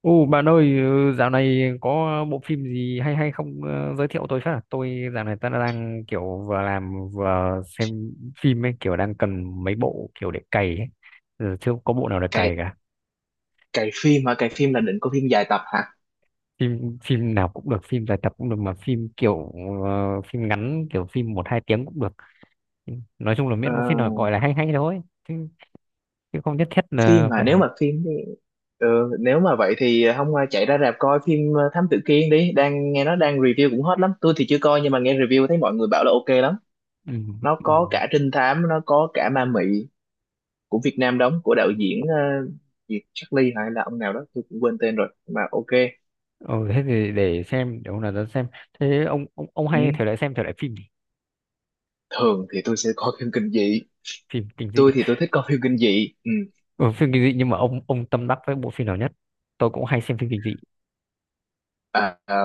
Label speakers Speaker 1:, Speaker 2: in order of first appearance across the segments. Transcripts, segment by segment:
Speaker 1: Ồ bạn ơi, dạo này có bộ phim gì hay hay không, giới thiệu tôi phát. Tôi dạo này ta đang kiểu vừa làm vừa xem phim ấy, kiểu đang cần mấy bộ kiểu để cày ấy. Ừ, chưa có bộ nào để
Speaker 2: Cái
Speaker 1: cày cả.
Speaker 2: cái phim là định có phim dài tập hả?
Speaker 1: Phim phim nào cũng được, phim dài tập cũng được, mà phim kiểu phim ngắn, kiểu phim một hai tiếng cũng được. Nói chung là
Speaker 2: Ờ,
Speaker 1: miễn có phim nào gọi là hay hay thôi. Chứ, chứ không nhất thiết
Speaker 2: phim
Speaker 1: là
Speaker 2: mà
Speaker 1: phải
Speaker 2: nếu mà phim thì ờ, Nếu mà vậy thì hôm qua chạy ra rạp coi phim Thám Tử Kiên đi, đang nghe nó đang review cũng hot lắm. Tôi thì chưa coi nhưng mà nghe review thấy mọi người bảo là ok lắm.
Speaker 1: ừ,
Speaker 2: Nó
Speaker 1: ừ.
Speaker 2: có cả trinh thám, nó có cả ma mị của Việt Nam đóng, của đạo diễn Diệp Charlie hay là ông nào đó, tôi cũng quên tên rồi. Mà ok.
Speaker 1: Ừ, thế thì để xem, để hôm nào ra xem. Thế ông
Speaker 2: Ừ.
Speaker 1: hay thể loại xem thể loại phim gì?
Speaker 2: Thường thì tôi sẽ coi phim kinh dị.
Speaker 1: Phim kinh dị.
Speaker 2: Tôi thì tôi thích coi phim kinh dị. Ừ.
Speaker 1: Ừ, phim kinh dị, nhưng mà ông tâm đắc với bộ phim nào nhất? Tôi cũng hay xem phim kinh dị.
Speaker 2: À,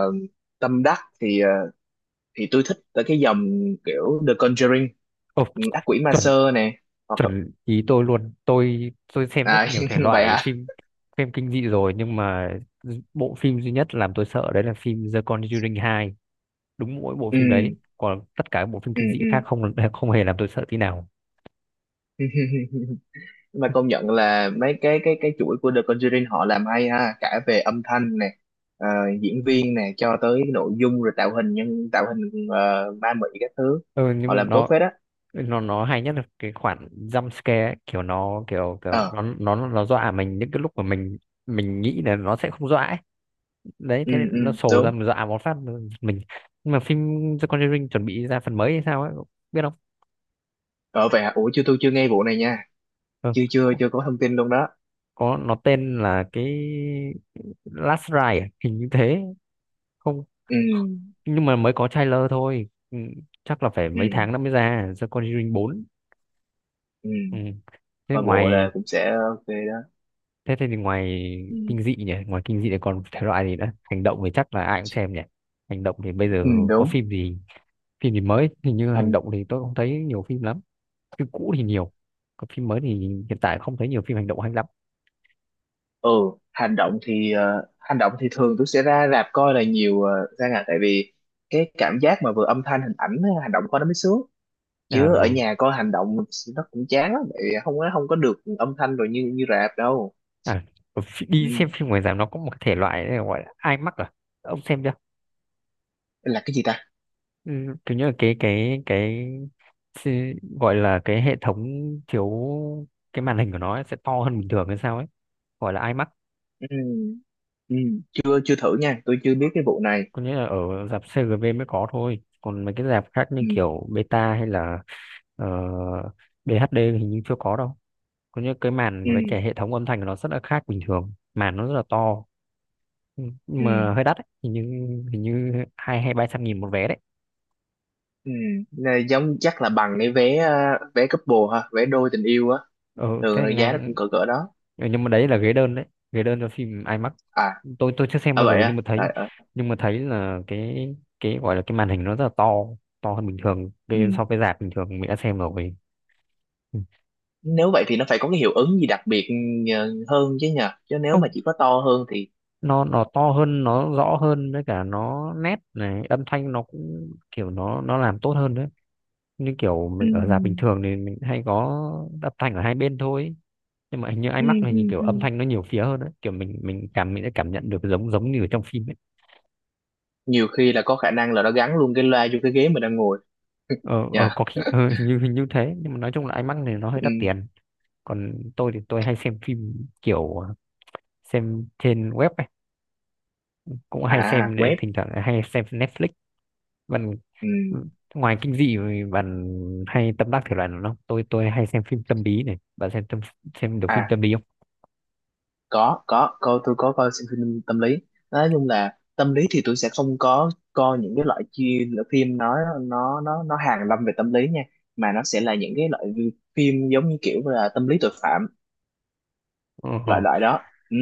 Speaker 2: tâm đắc thì thì tôi thích tới cái dòng kiểu The Conjuring.
Speaker 1: Ồ,
Speaker 2: Ừ, ác quỷ ma
Speaker 1: chuẩn,
Speaker 2: sơ nè. hoặc là-
Speaker 1: chuẩn ý tôi luôn. Tôi xem rất
Speaker 2: À,
Speaker 1: nhiều thể
Speaker 2: vậy
Speaker 1: loại
Speaker 2: hả?
Speaker 1: phim, phim kinh dị rồi, nhưng mà bộ phim duy nhất làm tôi sợ đấy là phim The Conjuring 2. Đúng mỗi bộ
Speaker 2: Ừ,
Speaker 1: phim đấy, còn tất cả các bộ phim
Speaker 2: ừ,
Speaker 1: kinh dị
Speaker 2: ừ.
Speaker 1: khác không không hề làm tôi sợ tí nào.
Speaker 2: Nhưng mà công nhận là mấy cái chuỗi của The Conjuring họ làm hay ha, cả về âm thanh nè, ờ, diễn viên nè, cho tới nội dung, rồi tạo hình ma mị các thứ,
Speaker 1: Ừ, nhưng
Speaker 2: họ
Speaker 1: mà
Speaker 2: làm tốt
Speaker 1: nó
Speaker 2: phết á.
Speaker 1: nó nó hay nhất là cái khoản jump scare ấy, kiểu nó kiểu, kiểu
Speaker 2: Ờ,
Speaker 1: nó dọa mình những cái lúc mà mình nghĩ là nó sẽ không dọa ấy. Đấy,
Speaker 2: ừ,
Speaker 1: thế
Speaker 2: ừ,
Speaker 1: nên nó sổ ra,
Speaker 2: đúng.
Speaker 1: mình dọa một phát mình. Nhưng mà phim The Conjuring chuẩn bị ra phần mới hay sao ấy, biết không?
Speaker 2: Ờ, vậy hả? Ủa, chưa, tôi chưa nghe vụ này nha.
Speaker 1: Ừ.
Speaker 2: Chưa, chưa,
Speaker 1: có,
Speaker 2: chưa có thông tin luôn đó.
Speaker 1: có, nó tên là cái Last Ride à? Hình như thế. Không,
Speaker 2: Ừ,
Speaker 1: nhưng mà mới có trailer thôi. Ừ. Chắc là phải mấy
Speaker 2: ừ,
Speaker 1: tháng nữa mới ra The Conjuring 4.
Speaker 2: ừ,
Speaker 1: Ừ. thế
Speaker 2: coi bộ
Speaker 1: ngoài
Speaker 2: là cũng sẽ ok đó.
Speaker 1: thế thì ngoài
Speaker 2: Ừ,
Speaker 1: kinh dị nhỉ, ngoài kinh dị thì còn thể loại gì nữa? Hành động thì chắc là ai cũng xem nhỉ. Hành động thì bây giờ
Speaker 2: ừ,
Speaker 1: có
Speaker 2: đúng.
Speaker 1: phim gì, phim gì mới? Hình như hành
Speaker 2: hành
Speaker 1: động thì tôi không thấy nhiều phim lắm. Phim cũ thì nhiều, còn phim mới thì hiện tại không thấy nhiều phim hành động hay lắm.
Speaker 2: ừ, hành động thì thường tôi sẽ ra rạp coi là nhiều, ra ngà tại vì cái cảm giác mà vừa âm thanh hình ảnh với hành động coi nó mới sướng,
Speaker 1: À,
Speaker 2: chứ ở
Speaker 1: ừ.
Speaker 2: nhà coi hành động nó cũng chán lắm, tại vì không có được âm thanh rồi như như rạp đâu.
Speaker 1: À,
Speaker 2: Ừ.
Speaker 1: đi xem phim ngoài rạp nó có một thể loại này gọi là IMAX à, ông xem chưa?
Speaker 2: Là cái gì ta?
Speaker 1: Ừ, kiểu như là cái xi- gọi là cái hệ thống chiếu, cái màn hình của nó ấy sẽ to hơn bình thường hay sao ấy, gọi là IMAX.
Speaker 2: Ừ. Ừ. chưa chưa thử nha, tôi chưa biết cái vụ này.
Speaker 1: Có nghĩa là ở rạp CGV mới có thôi, còn mấy cái rạp khác như
Speaker 2: Ừ.
Speaker 1: kiểu Beta hay là ờ, BHD thì hình như chưa có đâu. Có những cái màn
Speaker 2: Ừ.
Speaker 1: với cái hệ thống âm thanh của nó rất là khác bình thường, màn nó rất là to. Ừ, nhưng
Speaker 2: Ừ.
Speaker 1: mà hơi đắt ấy. Hình như, hình như hai hay ba trăm nghìn một vé đấy.
Speaker 2: Ừ. Này, giống chắc là bằng cái vé couple ha, vé đôi tình yêu á,
Speaker 1: Ừ,
Speaker 2: thường
Speaker 1: thế
Speaker 2: là giá nó cũng
Speaker 1: ngang.
Speaker 2: cỡ cỡ đó.
Speaker 1: Ừ, nhưng mà đấy là ghế đơn đấy, ghế đơn cho phim IMAX.
Speaker 2: À,
Speaker 1: Tôi chưa xem
Speaker 2: à,
Speaker 1: bao giờ,
Speaker 2: vậy
Speaker 1: nhưng mà
Speaker 2: á, à,
Speaker 1: thấy,
Speaker 2: à.
Speaker 1: nhưng mà thấy là cái gọi là cái màn hình nó rất là to, to hơn bình thường, cái so với rạp bình thường mình đã xem rồi. Ừ.
Speaker 2: Nếu vậy thì nó phải có cái hiệu ứng gì đặc biệt hơn chứ, nhờ chứ nếu mà
Speaker 1: Không,
Speaker 2: chỉ có to hơn thì...
Speaker 1: nó to hơn, nó rõ hơn, với cả nó nét này, âm thanh nó cũng kiểu nó làm tốt hơn đấy. Như kiểu
Speaker 2: Ừ,
Speaker 1: mình ở rạp bình thường thì mình hay có âm thanh ở hai bên thôi, nhưng mà hình như
Speaker 2: ừ,
Speaker 1: IMAX này
Speaker 2: ừ,
Speaker 1: thì kiểu
Speaker 2: ừ,
Speaker 1: âm thanh nó nhiều phía hơn đấy, kiểu mình sẽ cảm nhận được giống, giống như ở trong phim ấy.
Speaker 2: nhiều khi là có khả năng là nó gắn luôn cái loa vô cái ghế mình đang ngồi
Speaker 1: Ờ
Speaker 2: nha.
Speaker 1: có khi hình như, hình như thế, nhưng mà nói chung là IMAX này nó hơi
Speaker 2: Ừ.
Speaker 1: đắt tiền. Còn tôi thì tôi hay xem phim kiểu xem trên web ấy, cũng hay
Speaker 2: À,
Speaker 1: xem,
Speaker 2: web.
Speaker 1: thỉnh thoảng hay xem Netflix. Bạn,
Speaker 2: Ừ.
Speaker 1: ngoài kinh dị thì bạn hay tâm đắc thể loại nào không? Tôi hay xem phim tâm lý này, bạn xem xem được phim
Speaker 2: À,
Speaker 1: tâm lý không?
Speaker 2: có coi, tôi có coi, xem phim tâm lý. Nói chung là tâm lý thì tôi sẽ không có coi những cái loại phim nó hàn lâm về tâm lý nha, mà nó sẽ là những cái loại phim giống như kiểu là tâm lý tội phạm,
Speaker 1: Ờ.
Speaker 2: loại loại đó. Ừ.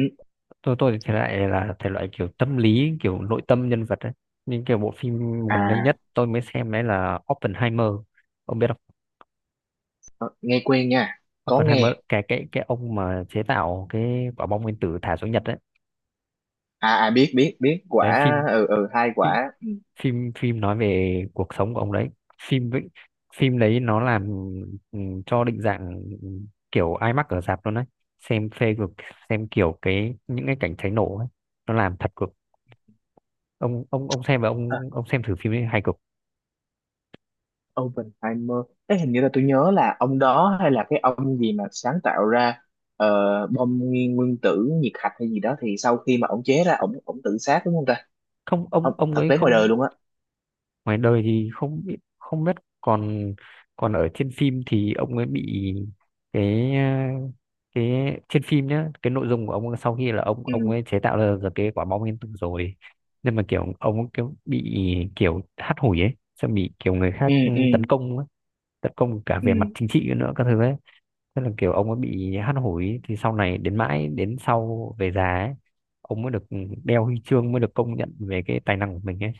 Speaker 1: Tôi thì thể loại là thể loại kiểu tâm lý kiểu nội tâm nhân vật ấy, nhưng kiểu bộ phim gần đây nhất
Speaker 2: À.
Speaker 1: tôi mới xem đấy là Oppenheimer, ông biết không?
Speaker 2: Ờ, nghe quen nha, có
Speaker 1: Oppenheimer,
Speaker 2: nghe.
Speaker 1: cái ông mà chế tạo cái quả bom nguyên tử thả xuống Nhật đấy.
Speaker 2: À, à, biết biết biết
Speaker 1: Đấy,
Speaker 2: quả,
Speaker 1: phim
Speaker 2: ừ, ừ, hai
Speaker 1: phim
Speaker 2: quả
Speaker 1: phim phim nói về cuộc sống của ông đấy. Phim với phim đấy nó làm, ừ, cho định dạng kiểu IMAX ở rạp luôn đấy. Xem phê cực, xem kiểu cái những cái cảnh cháy nổ ấy, nó làm thật cực. Ông xem, và
Speaker 2: À,
Speaker 1: ông xem thử phim ấy, hay cực.
Speaker 2: Oppenheimer. Ê, hình như là tôi nhớ là ông đó, hay là cái ông gì mà sáng tạo ra ờ, bom nguyên nguyên tử nhiệt hạch hay gì đó, thì sau khi mà ông chế ra, ông tự sát đúng không ta?
Speaker 1: Không, ông
Speaker 2: Không,
Speaker 1: ông
Speaker 2: thật
Speaker 1: ấy
Speaker 2: tế ngoài đời
Speaker 1: không,
Speaker 2: luôn á?
Speaker 1: ngoài đời thì không biết, không biết. Còn, còn ở trên phim thì ông ấy bị cái cái trên phim nhá, cái nội dung của ông ấy sau khi là ông
Speaker 2: Ừ,
Speaker 1: ông ấy chế tạo ra được cái quả bom nguyên tử rồi. Nhưng mà kiểu ông ấy kiểu bị, kiểu hắt hủi ấy, xong bị kiểu người khác
Speaker 2: ừ, ừ,
Speaker 1: tấn công ấy. Tấn công cả về mặt
Speaker 2: ừ,
Speaker 1: chính trị nữa, các thứ ấy. Tức là kiểu ông ấy bị hắt hủi, thì sau này đến mãi đến sau về già ấy, ông mới được đeo huy chương, mới được công nhận về cái tài năng của mình ấy.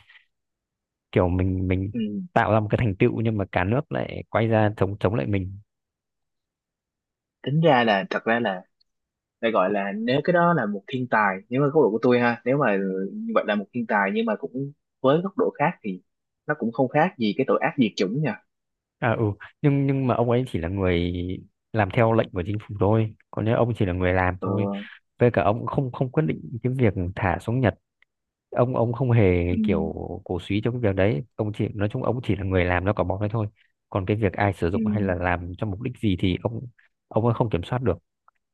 Speaker 1: Kiểu mình
Speaker 2: ừ,
Speaker 1: tạo ra một cái thành tựu, nhưng mà cả nước lại quay ra chống chống lại mình.
Speaker 2: tính ra là thật ra là để gọi là, nếu cái đó là một thiên tài, nếu mà góc độ của tôi ha, nếu mà như vậy là một thiên tài, nhưng mà cũng với góc độ khác thì nó cũng không khác gì cái tội ác diệt chủng nha.
Speaker 1: À ừ, nhưng mà ông ấy chỉ là người làm theo lệnh của chính phủ thôi, còn nếu ông chỉ là người làm
Speaker 2: Ờ,
Speaker 1: thôi, với cả ông cũng không không quyết định cái việc thả xuống Nhật. Ông không hề
Speaker 2: ừ,
Speaker 1: kiểu cổ súy cho cái việc đấy, ông chỉ nói chung ông chỉ là người làm nó cỏ bóng đấy thôi. Còn cái việc ai sử
Speaker 2: ừ,
Speaker 1: dụng hay là làm cho mục đích gì thì ông ấy không kiểm soát được.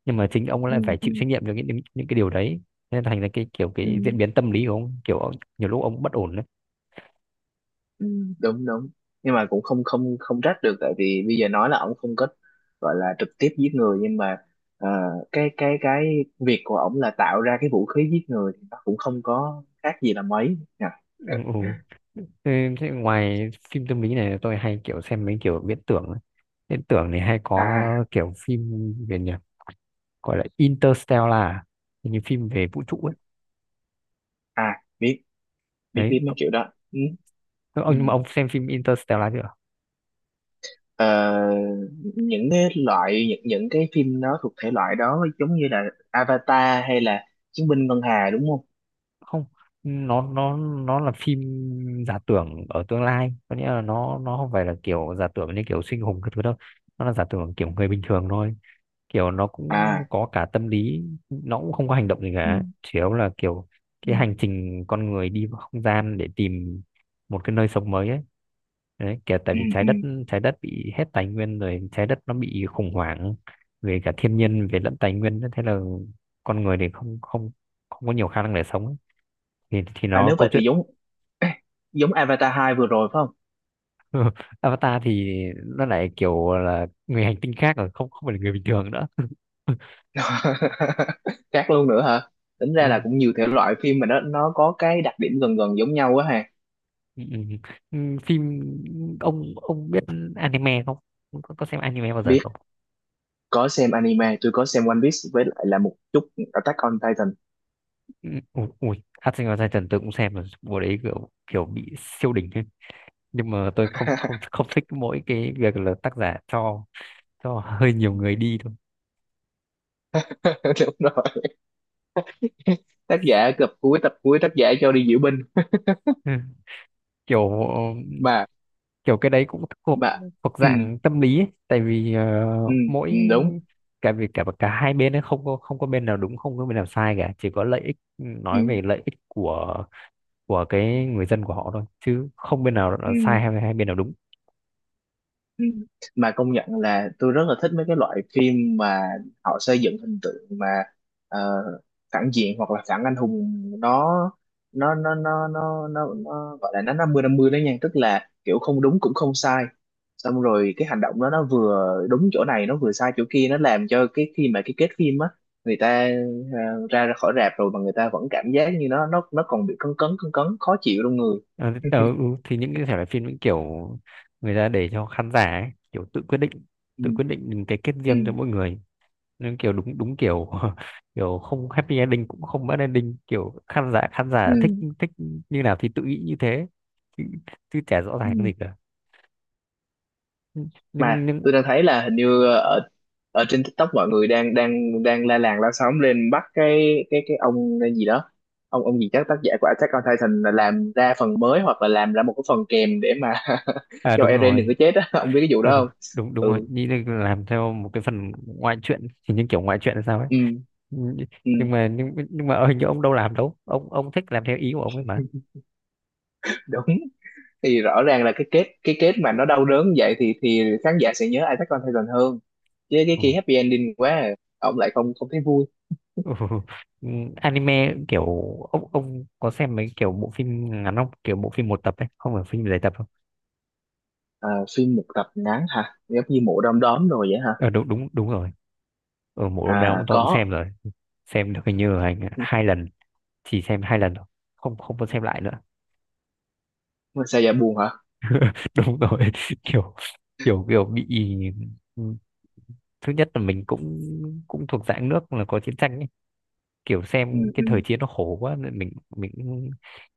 Speaker 1: Nhưng mà chính ông ấy lại
Speaker 2: ừ,
Speaker 1: phải chịu
Speaker 2: ừ,
Speaker 1: trách nhiệm cho những cái điều đấy. Nên thành ra cái kiểu
Speaker 2: ừ,
Speaker 1: cái diễn biến tâm lý của ông, kiểu nhiều lúc ông bất ổn.
Speaker 2: ừ, đúng, đúng. Nhưng mà cũng không không không trách được, tại vì bây giờ nói là ổng không có gọi là trực tiếp giết người, nhưng mà ờ, cái việc của ổng là tạo ra cái vũ khí giết người thì nó cũng không có khác gì là mấy nha.
Speaker 1: Ừ. Ừ. Thế, thế ngoài phim tâm lý này tôi hay kiểu xem mấy kiểu viễn tưởng ấy. Viễn tưởng này hay
Speaker 2: À,
Speaker 1: có kiểu phim về nhỉ, gọi là Interstellar à? Hình như phim về vũ trụ ấy.
Speaker 2: à, biết biết
Speaker 1: Đấy,
Speaker 2: biết mấy kiểu đó. Ừ, ừ.
Speaker 1: ông, nhưng mà ông xem phim Interstellar chưa?
Speaker 2: Ờ, những cái phim đó thuộc thể loại đó giống như là Avatar hay là Chiến binh Ngân Hà đúng không?
Speaker 1: Không, nó là phim giả tưởng ở tương lai, có nghĩa là nó không phải là kiểu giả tưởng như kiểu siêu anh hùng cái thứ đâu. Nó là giả tưởng kiểu người bình thường thôi, kiểu nó cũng
Speaker 2: À,
Speaker 1: có cả tâm lý, nó cũng không có hành động gì
Speaker 2: ừ,
Speaker 1: cả, chủ yếu là kiểu
Speaker 2: ừ,
Speaker 1: cái hành trình con người đi vào không gian để tìm một cái nơi sống mới ấy. Đấy, kể tại
Speaker 2: ừ,
Speaker 1: vì trái
Speaker 2: ừ.
Speaker 1: đất, trái đất bị hết tài nguyên rồi, trái đất nó bị khủng hoảng về cả thiên nhiên về lẫn tài nguyên nữa. Thế là con người thì không không không có nhiều khả năng để sống ấy. Thì
Speaker 2: À
Speaker 1: nó
Speaker 2: nếu
Speaker 1: câu
Speaker 2: vậy thì
Speaker 1: chuyện.
Speaker 2: giống Avatar 2 vừa rồi phải không?
Speaker 1: Avatar thì nó lại kiểu là người hành tinh khác rồi, không không phải là người bình thường nữa.
Speaker 2: Khác luôn nữa hả? Tính ra là cũng nhiều thể loại phim mà nó có cái đặc điểm gần gần giống nhau quá ha.
Speaker 1: Ừ, ừ, ừ. Ừ, phim, ông biết anime không, có, có xem anime bao giờ
Speaker 2: Biết,
Speaker 1: không?
Speaker 2: có xem anime, tôi có xem One Piece với lại là một chút Attack on Titan.
Speaker 1: Ừ, ui, ui, Attack on Titan tôi cũng xem rồi, bộ đấy kiểu kiểu bị siêu đỉnh ấy. Nhưng mà tôi không không không thích mỗi cái việc là tác giả cho hơi nhiều người đi thôi.
Speaker 2: Đúng rồi. Tác giả cập cuối tập cuối tác giả cho đi diễu binh
Speaker 1: Ừ, kiểu,
Speaker 2: mà.
Speaker 1: kiểu cái đấy cũng thuộc,
Speaker 2: Mà,
Speaker 1: thuộc
Speaker 2: ừ,
Speaker 1: dạng tâm lý ấy. Tại vì
Speaker 2: ừ,
Speaker 1: mỗi,
Speaker 2: ừ, đúng,
Speaker 1: cả vì cả cả hai bên ấy không có, không có bên nào đúng, không có bên nào sai cả, chỉ có lợi ích,
Speaker 2: ừ,
Speaker 1: nói về lợi ích của cái người dân của họ thôi, chứ không bên nào
Speaker 2: ừ,
Speaker 1: là sai hay, hay bên nào đúng.
Speaker 2: ừ. Mà công nhận là tôi rất là thích mấy cái loại phim mà họ xây dựng hình tượng mà ờ, phản diện hoặc là phản anh hùng, nó, nó gọi là nó 50-50 đó nha, tức là kiểu không đúng cũng không sai, xong rồi cái hành động đó nó vừa đúng chỗ này nó vừa sai chỗ kia, nó làm cho cái khi mà cái kết phim á, người ta ra ra khỏi rạp rồi mà người ta vẫn cảm giác như nó còn bị cấn cấn cấn cấn khó chịu trong người.
Speaker 1: Ờ, ờ, ừ, thì những cái thể loại phim những kiểu người ta để cho khán giả ấy, kiểu tự quyết định,
Speaker 2: Ừ,
Speaker 1: tự quyết định cái kết
Speaker 2: ừ,
Speaker 1: riêng cho mỗi người, nên kiểu đúng, đúng kiểu kiểu không happy ending cũng không bad ending, kiểu khán giả, khán
Speaker 2: ừ,
Speaker 1: giả thích, thích như nào thì tự nghĩ như thế. Chứ, chứ chả rõ ràng cái
Speaker 2: ừ.
Speaker 1: gì cả. nhưng
Speaker 2: Mà
Speaker 1: nhưng
Speaker 2: tôi đang thấy là hình như ở ở trên TikTok mọi người đang đang đang la làng la xóm lên bắt cái ông gì đó, ông gì chắc tác giả của Attack on Titan, là làm ra phần mới hoặc là làm ra một cái phần kèm để mà
Speaker 1: à,
Speaker 2: cho
Speaker 1: đúng
Speaker 2: Eren đừng
Speaker 1: rồi.
Speaker 2: có chết á, ông biết cái vụ
Speaker 1: Ừ,
Speaker 2: đó
Speaker 1: đúng,
Speaker 2: không?
Speaker 1: đúng đúng rồi,
Speaker 2: Ừ,
Speaker 1: nghĩ là làm theo một cái phần ngoại truyện, thì những kiểu ngoại truyện là sao ấy.
Speaker 2: ừ,
Speaker 1: Nh-
Speaker 2: ừ,
Speaker 1: nhưng mà hình như ông đâu làm đâu, ông thích làm theo ý của ông ấy mà.
Speaker 2: đúng, thì rõ ràng là cái kết mà nó đau đớn vậy thì khán giả sẽ nhớ Attack on Titan hơn, chứ cái
Speaker 1: Ừ.
Speaker 2: kia happy ending quá à. Ông lại không không thấy vui.
Speaker 1: Ừ. Ừ, anime kiểu, ông có xem mấy kiểu bộ phim ngắn không, kiểu bộ phim một tập ấy, không phải phim dài tập không?
Speaker 2: À, phim một tập ngắn hả? Giống như mộ đom đóm rồi vậy hả?
Speaker 1: Ờ đúng, đúng, đúng rồi, ở bộ nào cũng
Speaker 2: À,
Speaker 1: tôi cũng
Speaker 2: có.
Speaker 1: xem rồi. Xem được hình như là hai lần, chỉ xem hai lần thôi, không không có xem lại nữa.
Speaker 2: Sao dạ buồn hả?
Speaker 1: Đúng rồi, kiểu, kiểu, kiểu bị, thứ nhất là mình cũng, cũng thuộc dạng nước là có chiến tranh ấy. Kiểu
Speaker 2: Ừ,
Speaker 1: xem cái thời
Speaker 2: ừ.
Speaker 1: chiến nó khổ quá, nên mình cũng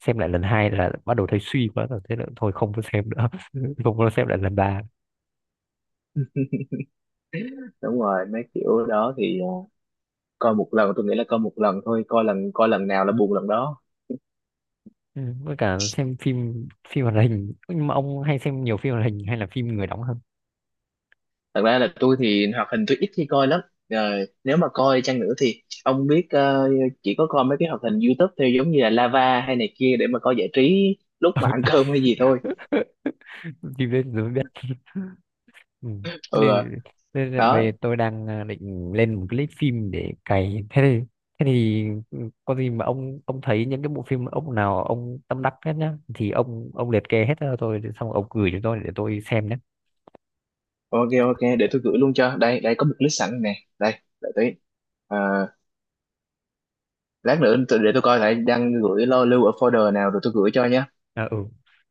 Speaker 1: xem lại lần hai là bắt đầu thấy suy quá rồi, thế là thôi không có xem nữa. Không có xem lại lần ba.
Speaker 2: Đúng rồi, mấy kiểu đó thì coi một lần, tôi nghĩ là coi một lần thôi, coi lần nào là buồn lần đó.
Speaker 1: Ừ, với cả xem phim, phim hoạt hình, nhưng mà ông hay xem nhiều phim hoạt hình hay là phim người đóng hơn?
Speaker 2: Thật ra là tôi thì hoạt hình tôi ít khi coi lắm. Rồi, nếu mà coi chăng nữa thì ông biết chỉ có coi mấy cái hoạt hình YouTube theo giống như là Lava hay này kia để mà coi giải trí lúc mà ăn cơm hay gì thôi.
Speaker 1: Phim đấy rồi mới biết. Ừ. Thế
Speaker 2: Ừ,
Speaker 1: nên, nên là
Speaker 2: đó.
Speaker 1: bây giờ tôi đang định lên một cái list phim để cày, thế thì, thế thì ừ, có gì mà ông thấy những cái bộ phim ông nào ông tâm đắc hết nhá, thì ông liệt kê hết cho tôi, rồi xong ông gửi cho tôi để tôi xem nhé.
Speaker 2: Ok, ok, để tôi gửi luôn cho. Đây, đây có một list sẵn nè. Đây, đợi tí. Ờ, lát nữa để tôi coi lại đang gửi lưu ở folder nào rồi tôi gửi cho nhé.
Speaker 1: À, ừ,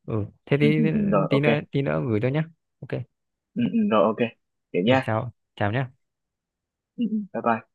Speaker 1: ừ, thế
Speaker 2: Ừ,
Speaker 1: thì
Speaker 2: ừ, ừ, rồi
Speaker 1: tí
Speaker 2: ok.
Speaker 1: nữa tí nữa gửi tôi nhé, ok.
Speaker 2: Ừ, ừ, rồi ok vậy
Speaker 1: Rồi,
Speaker 2: nha.
Speaker 1: chào chào nhé.
Speaker 2: Ừ, ừ. Bye bye.